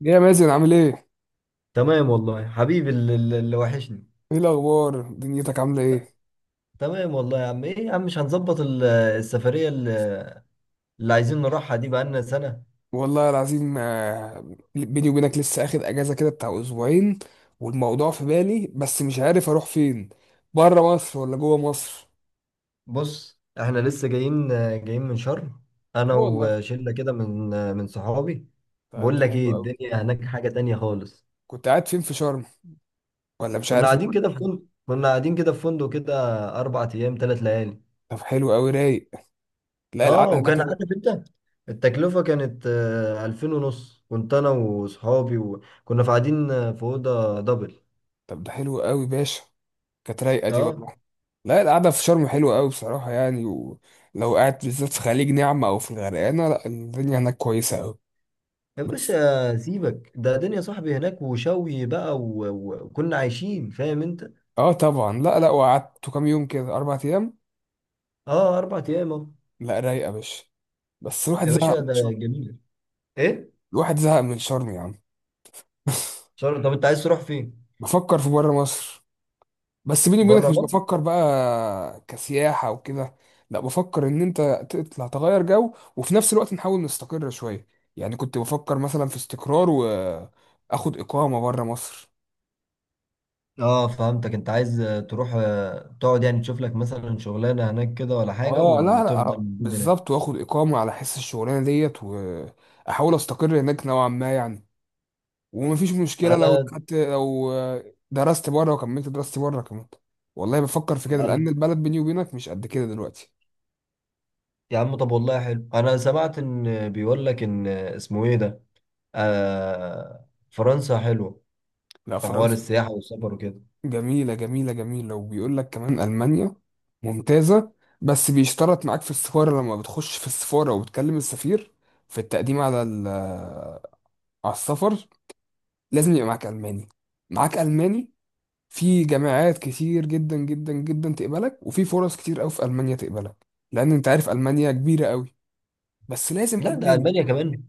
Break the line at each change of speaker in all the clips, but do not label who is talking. يا مازن عامل ايه؟
تمام والله حبيبي اللي وحشني.
ايه الأخبار؟ دنيتك عاملة
ت-
ايه؟
تمام والله يا عم، ايه يا عم، مش هنظبط السفرية اللي عايزين نروحها دي بقالنا سنة.
والله العظيم آه، بيني وبينك لسه اخد اجازة كده بتاع اسبوعين، والموضوع في بالي بس مش عارف اروح فين. بره مصر ولا جوه مصر؟
بص احنا لسه جايين من شرم. انا
لا والله.
وشلة كده من صحابي.
طيب
بقول
ده
لك
حلو
ايه،
قوي.
الدنيا هناك حاجة تانية خالص.
كنت قاعد فين في شرم ولا مش عارف؟
كنا قاعدين كده في فندق كده، 4 ايام 3 ليالي.
طب حلو قوي، رايق. لا
اه
القعدة هناك
وكان
رايق.
عارف انت التكلفة كانت، 2500. كنت أنا وصحابي وكنا في قاعدين في أوضة دبل.
طب ده حلو قوي باشا. كانت رايقة دي
اه.
والله. لا القعدة في شرم حلوة قوي بصراحة، يعني ولو قاعد بالذات في خليج نعمة او في الغرقانة، لا الدنيا هناك كويسة قوي.
يا باشا سيبك ده، دنيا صاحبي هناك وشوي بقى، وكنا عايشين، فاهم انت.
اه طبعا. لا لا، وقعدت كام يوم؟ كده اربع ايام.
اه، اربع ايام اهو.
لا رايقه يا باشا، بس الواحد
يا
زهق
باشا
من
ده
شرم.
جميل. ايه؟
الواحد زهق من شرم يا عم.
شهر؟ طب انت عايز تروح فين؟
بفكر في بره مصر، بس بيني
بره
وبينك مش
مصر؟
بفكر بقى كسياحه وكده. لا بفكر ان انت تطلع تغير جو، وفي نفس الوقت نحاول نستقر شويه. يعني كنت بفكر مثلا في استقرار، واخد اقامه بره مصر.
اه فهمتك، انت عايز تروح، تقعد، يعني تشوف لك مثلا شغلانه هناك كده ولا حاجه،
اه لا
وتفضل
لا،
موجود هناك.
بالظبط واخد اقامه على حس الشغلانه ديت، واحاول استقر هناك نوعا ما يعني. ومفيش مشكله لو
انا
خدت، لو درست بره وكملت دراستي بره كمان. والله بفكر في كده، لان
أنا-
البلد بيني وبينك مش قد كده دلوقتي.
يا عم طب والله حلو، انا سمعت ان بيقول لك ان، اسمه ايه ده، آه فرنسا حلوه
لا
في حوار
فرنسا
السياحه والسفر وكده.
جميله جميله جميله، وبيقول لك كمان المانيا ممتازه. بس بيشترط معاك في السفاره، لما بتخش في السفاره وبتكلم السفير، في التقديم على على السفر، لازم يبقى معاك الماني، معاك الماني. في جامعات كتير جدا جدا جدا تقبلك، وفي فرص كتير قوي في المانيا تقبلك، لان انت عارف المانيا كبيره قوي. بس لازم
لا، ده
الماني.
المانيا كمان.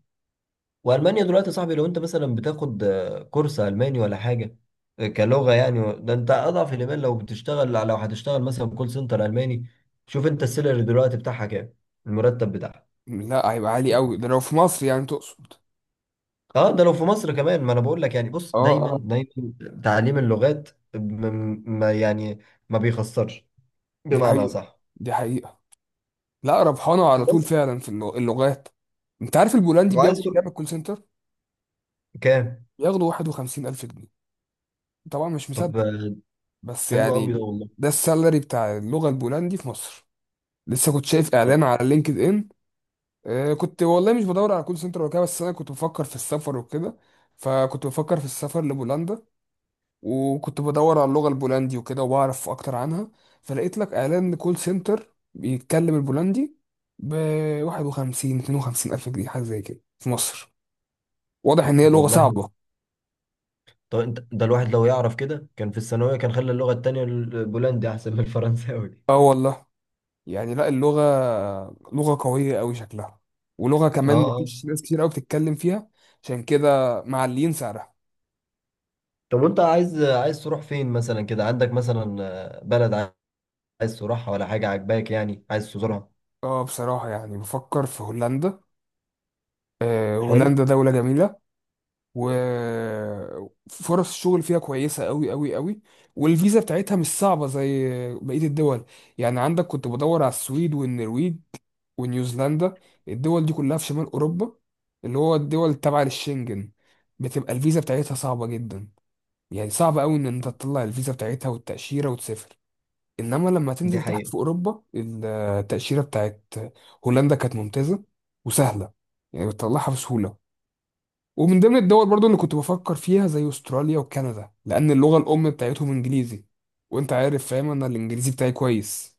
والمانيا دلوقتي يا صاحبي، لو انت مثلا بتاخد كورس الماني ولا حاجه، كلغه يعني، ده انت اضعف الايمان. لو هتشتغل مثلا كول سنتر الماني، شوف انت السالري دلوقتي بتاعها كام، المرتب بتاعها.
لا هيبقى عالي قوي ده، لو في مصر يعني تقصد؟
اه، ده لو في مصر كمان. ما انا بقول لك يعني، بص
اه
دايما
اه.
دايما تعليم اللغات م- ما يعني ما بيخسرش،
دي
بمعنى
حقيقة،
صح.
دي حقيقة. لا ربحانة على طول
بس،
فعلا في اللغات. انت عارف البولندي
وعايز
بياخدوا
تروح
كام الكول سنتر؟
كام؟
بياخدوا 51 الف جنيه، طبعا مش
طب
مصدق بس
حلو قوي ده
يعني.
والله.
ده السالري بتاع اللغة البولندي في مصر، لسه كنت شايف
طب
اعلان على لينكد ان. آه كنت والله مش بدور على كول سنتر ولا كده، بس انا كنت بفكر في السفر وكده، فكنت بفكر في السفر لبولندا، وكنت بدور على اللغة البولندي وكده وبعرف أكتر عنها، فلقيت لك إعلان كول سنتر بيتكلم البولندي ب 51 52 ألف جنيه، حاجة زي كده في مصر. واضح إن هي
طب
لغة
والله،
صعبة.
طب انت ده الواحد لو يعرف كده كان في الثانوية، كان خلى اللغة التانية البولندي أحسن من الفرنساوي دي.
آه والله. يعني لا اللغة لغة قوية أوي شكلها، ولغة
اه،
كمان
آه.
مفيش ناس كتير أوي بتتكلم فيها، عشان كده معلين سعرها.
طب وانت عايز تروح فين مثلا كده؟ عندك مثلا بلد عايز تروحها، ولا حاجة عاجباك يعني عايز تزورها؟
اه بصراحة يعني بفكر في هولندا. آه
حلو.
هولندا دولة جميلة، وفرص الشغل فيها كويسة قوي قوي قوي، والفيزا بتاعتها مش صعبة زي بقية الدول. يعني عندك كنت بدور على السويد والنرويج ونيوزيلندا، الدول دي كلها في شمال أوروبا، اللي هو الدول تبع للشنجن، بتبقى الفيزا بتاعتها صعبة جدا. يعني صعب قوي ان انت تطلع الفيزا بتاعتها والتأشيرة وتسافر، انما لما
دي
تنزل تحت في
حقيقة.
اوروبا، التأشيرة بتاعت هولندا كانت ممتازة وسهلة، يعني بتطلعها بسهولة. ومن ضمن الدول برضو اللي كنت بفكر فيها زي استراليا وكندا، لان اللغه الام بتاعتهم انجليزي، وانت عارف فاهم انا الانجليزي بتاعي كويس،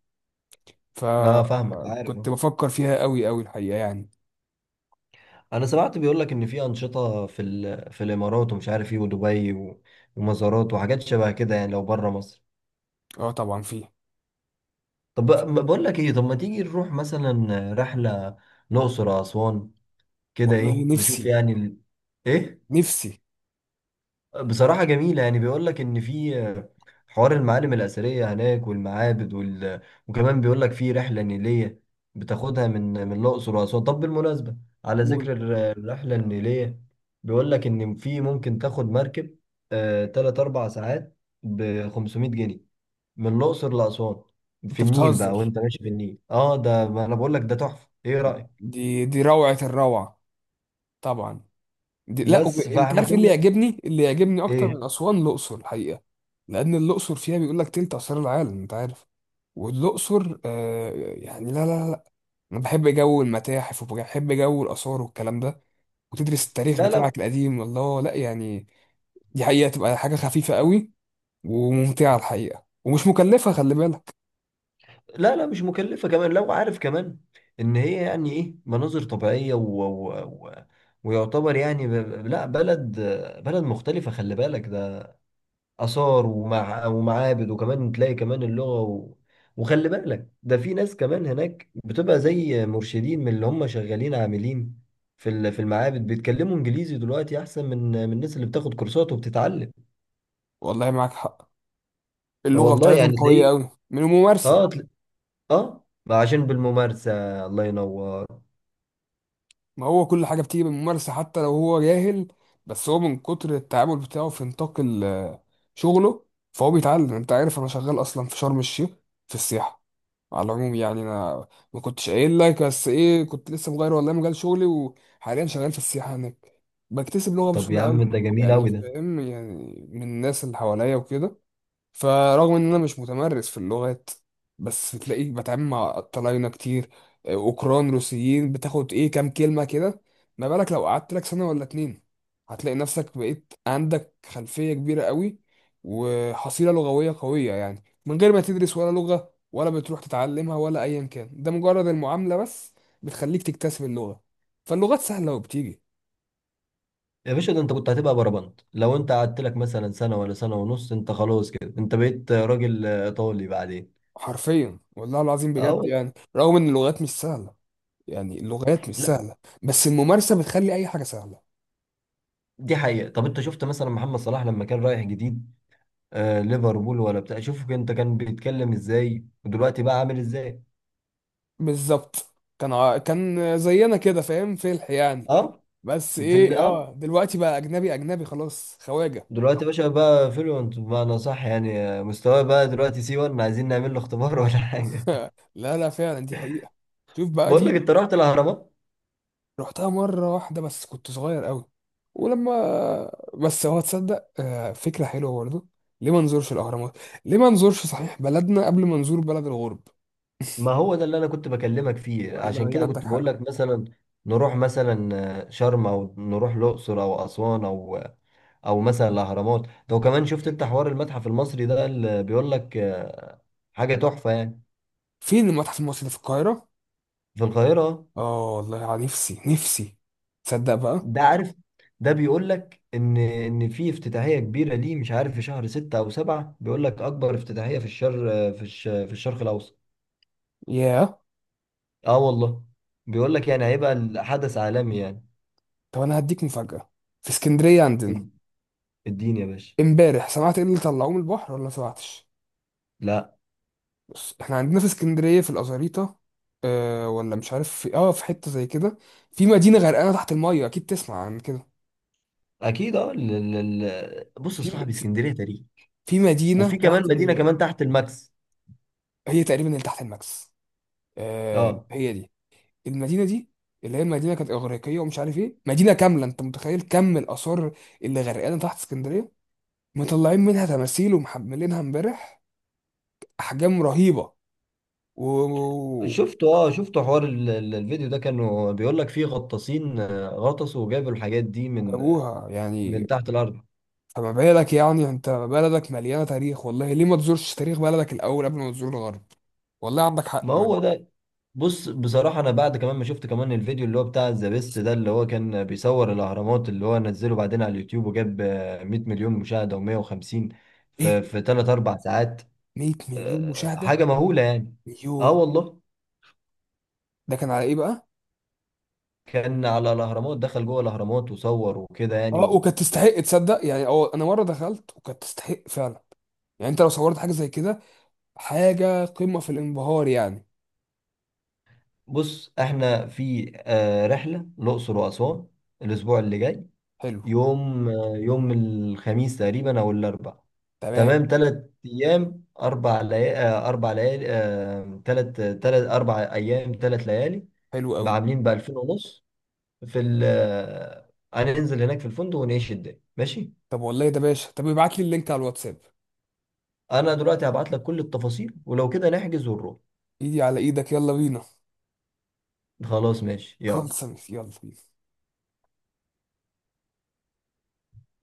اه فاهمك، عارف
فكنت
آه.
بفكر فيها قوي قوي الحقيقه يعني.
انا سمعت بيقول لك ان في أنشطة، في الامارات ومش عارف ايه، ودبي ومزارات وحاجات شبه كده، يعني لو بره مصر.
اه طبعا فيه،
طب، ما
فيه.
بقول لك ايه، طب ما تيجي نروح مثلا رحلة الأقصر أو أسوان، كده
والله
ايه نشوف
نفسي
يعني ايه؟
نفسي.
بصراحة جميلة، يعني بيقول لك إن في حوار المعالم الأثرية هناك والمعابد وكمان بيقول لك في رحلة نيلية بتاخدها من الأقصر وأسوان. طب بالمناسبة، على
قول.
ذكر الرحلة النيلية، بيقول لك إن في، ممكن تاخد مركب تلات أربع ساعات ب 500 جنيه من الأقصر لأسوان في
انت
النيل بقى،
بتهزر،
وأنت ماشي في النيل ده ما أنا بقول لك، ده تحفة، إيه رأيك؟
دي دي روعه الروعه طبعا. دي لا،
بس
انت
فإحنا
عارف ايه اللي
كنا،
يعجبني؟ اللي يعجبني اكتر
إيه؟
من اسوان الاقصر الحقيقه، لان الاقصر فيها بيقول لك تلت اسرار العالم انت عارف. والاقصر آه، يعني لا لا لا، انا بحب جو المتاحف وبحب جو الاثار والكلام ده، وتدرس التاريخ
لا، لا
بتاعك القديم، الله لا يعني. دي حقيقه، تبقى حاجه خفيفه قوي وممتعه الحقيقه، ومش مكلفه خلي بالك.
لا. لا مش مكلفة، كمان لو عارف كمان ان هي يعني ايه، مناظر طبيعية ويعتبر يعني، لا بلد، بلد مختلفة، خلي بالك ده آثار ومعابد، وكمان تلاقي كمان اللغة، وخلي بالك ده في ناس كمان هناك بتبقى زي مرشدين، من اللي هم شغالين عاملين في المعابد، بيتكلموا انجليزي دلوقتي احسن من الناس اللي بتاخد كورسات وبتتعلم.
والله معاك حق، اللغه
والله
بتاعتهم
يعني
قويه
تلاقيه،
قوي من الممارسه.
اه تلا- اه ما عشان بالممارسة. الله ينور.
ما هو كل حاجه بتيجي بالممارسه، حتى لو هو جاهل، بس هو من كتر التعامل بتاعه في نطاق شغله فهو بيتعلم. انت عارف انا شغال اصلا في شرم الشيخ في السياحه. على العموم يعني انا ما كنتش قايل لك، بس ايه كنت لسه مغير والله مجال شغلي، وحاليا شغال في السياحه هناك، بكتسب لغه
طب يا
بسهوله قوي.
عم ده جميل
يعني
قوي ده.
فاهم، يعني من الناس اللي حواليا وكده. فرغم ان انا مش متمرس في اللغات، بس تلاقيك بتعامل مع طلاينة كتير، اوكران، روسيين، بتاخد ايه كام كلمة كده. ما بالك لو قعدت لك سنة ولا اتنين؟ هتلاقي نفسك بقيت عندك خلفية كبيرة قوي، وحصيلة لغوية قوية، يعني من غير ما تدرس ولا لغة ولا بتروح تتعلمها ولا ايا كان، ده مجرد المعاملة بس بتخليك تكتسب اللغة. فاللغات سهلة وبتيجي.
يا باشا، ده انت كنت هتبقى بربنت لو انت قعدت لك مثلا سنه ولا سنه ونص. انت خلاص كده انت بقيت راجل ايطالي بعدين.
حرفيا والله العظيم
اه
بجد،
والله.
يعني رغم ان اللغات مش سهلة، يعني اللغات مش
لا
سهلة، بس الممارسة بتخلي أي حاجة سهلة.
دي حقيقه. طب انت شفت مثلا محمد صلاح لما كان رايح جديد ليفربول ولا بتاع، شوف انت كان بيتكلم ازاي، ودلوقتي بقى عامل ازاي.
بالظبط، كان زينا كده فاهم، فلح يعني.
اه.
بس
في ال-
إيه
اه
آه، دلوقتي بقى أجنبي أجنبي خلاص، خواجة.
دلوقتي يا باشا بقى فلوينت، بمعنى صح يعني، مستواه بقى دلوقتي سي 1، عايزين نعمل له اختبار ولا حاجه؟
لا لا فعلا، دي حقيقة. شوف بقى
بقول
دي.
لك، انت رحت الاهرامات؟
رحتها مرة واحدة بس كنت صغير قوي. ولما، بس هو تصدق آه، فكرة حلوة برضه. ليه ما نزورش الأهرامات؟ ليه ما نزورش صحيح بلدنا قبل ما نزور بلد الغرب؟
ما هو ده اللي انا كنت بكلمك فيه،
ولا
عشان
يعني
كده
عندك
كنت
حق.
بقول لك مثلا نروح مثلا شرم، او نروح الاقصر او اسوان، او او مثلا الاهرامات. لو كمان شفت انت حوار المتحف المصري ده، اللي بيقول لك حاجه تحفه يعني.
فين المتحف المصري اللي في القاهرة؟
في القاهره.
اه والله، نفسي نفسي. تصدق بقى.
ده عارف، ده بيقول لك ان في افتتاحيه كبيره، ليه مش عارف، في شهر ستة او سبعة، بيقول لك اكبر افتتاحيه في الشرق الاوسط.
ياه.
اه والله. بيقول لك يعني هيبقى الحدث عالمي يعني.
طب انا هديك مفاجأة. في اسكندرية عندنا،
اديني يا باشا.
امبارح سمعت ايه اللي طلعوه من البحر ولا ما سمعتش؟
لا.
بص احنا عندنا في اسكندرية في الأزاريطة، آه ولا مش عارف، في اه في حتة زي كده. في مدينة غرقانة تحت المية، اكيد تسمع عن كده.
اكيد اه، بص يا
في
صاحبي،
في
اسكندريه تاريخ،
في مدينة
وفي كمان
تحت،
مدينه كمان تحت الماكس.
هي تقريبا اللي تحت الماكس. آه
اه
هي دي المدينة دي، اللي هي المدينة كانت إغريقية ومش عارف ايه، مدينة كاملة، انت متخيل كم الآثار اللي غرقانة تحت اسكندرية؟ مطلعين منها تماثيل ومحملينها امبارح، احجام رهيبه. و-
شفته حوار الفيديو ده، كانوا بيقول لك فيه غطاسين غطسوا وجابوا الحاجات دي من
وجابوها
من
يعني.
تحت الارض.
فما بالك يعني انت بلدك مليانه تاريخ، والله ليه ما تزورش تاريخ بلدك الاول قبل ما تزور الغرب؟ والله عندك حق
ما
من.
هو ده. بص بصراحه، انا بعد كمان ما شفت كمان الفيديو اللي هو بتاع ذا بيست ده، اللي هو كان بيصور الاهرامات، اللي هو نزله بعدين على اليوتيوب، وجاب 100 مليون مشاهده و150،
ايه،
في 3 4 ساعات.
100 مليون مشاهده؟
حاجه مهوله يعني. اه
يوه.
والله.
ده كان على ايه بقى؟
كان على الاهرامات، دخل جوه الاهرامات وصور وكده يعني
اه
و-
وكانت تستحق تصدق يعني. اه انا مره دخلت وكانت تستحق فعلا. يعني انت لو صورت حاجه زي كده، حاجه قمه في الانبهار يعني.
بص احنا في رحله الاقصر واسوان الاسبوع اللي جاي،
حلو.
يوم الخميس تقريبا او الاربع.
تمام.
تمام، 3 ايام 4 ليالي، 4 ليالي، ثلاث 4 ايام 3 ليالي،
حلو قوي.
بعاملين ب 2000 ونص. في ال آه، هننزل هناك في الفندق ونعيش الدنيا، ماشي؟
طب والله ده باشا، طب ابعت لي اللينك على الواتساب.
انا دلوقتي هبعت لك كل التفاصيل، ولو كده نحجز ونروح.
ايدي على ايدك، يلا بينا.
خلاص ماشي يلا.
خلص. يلا بينا.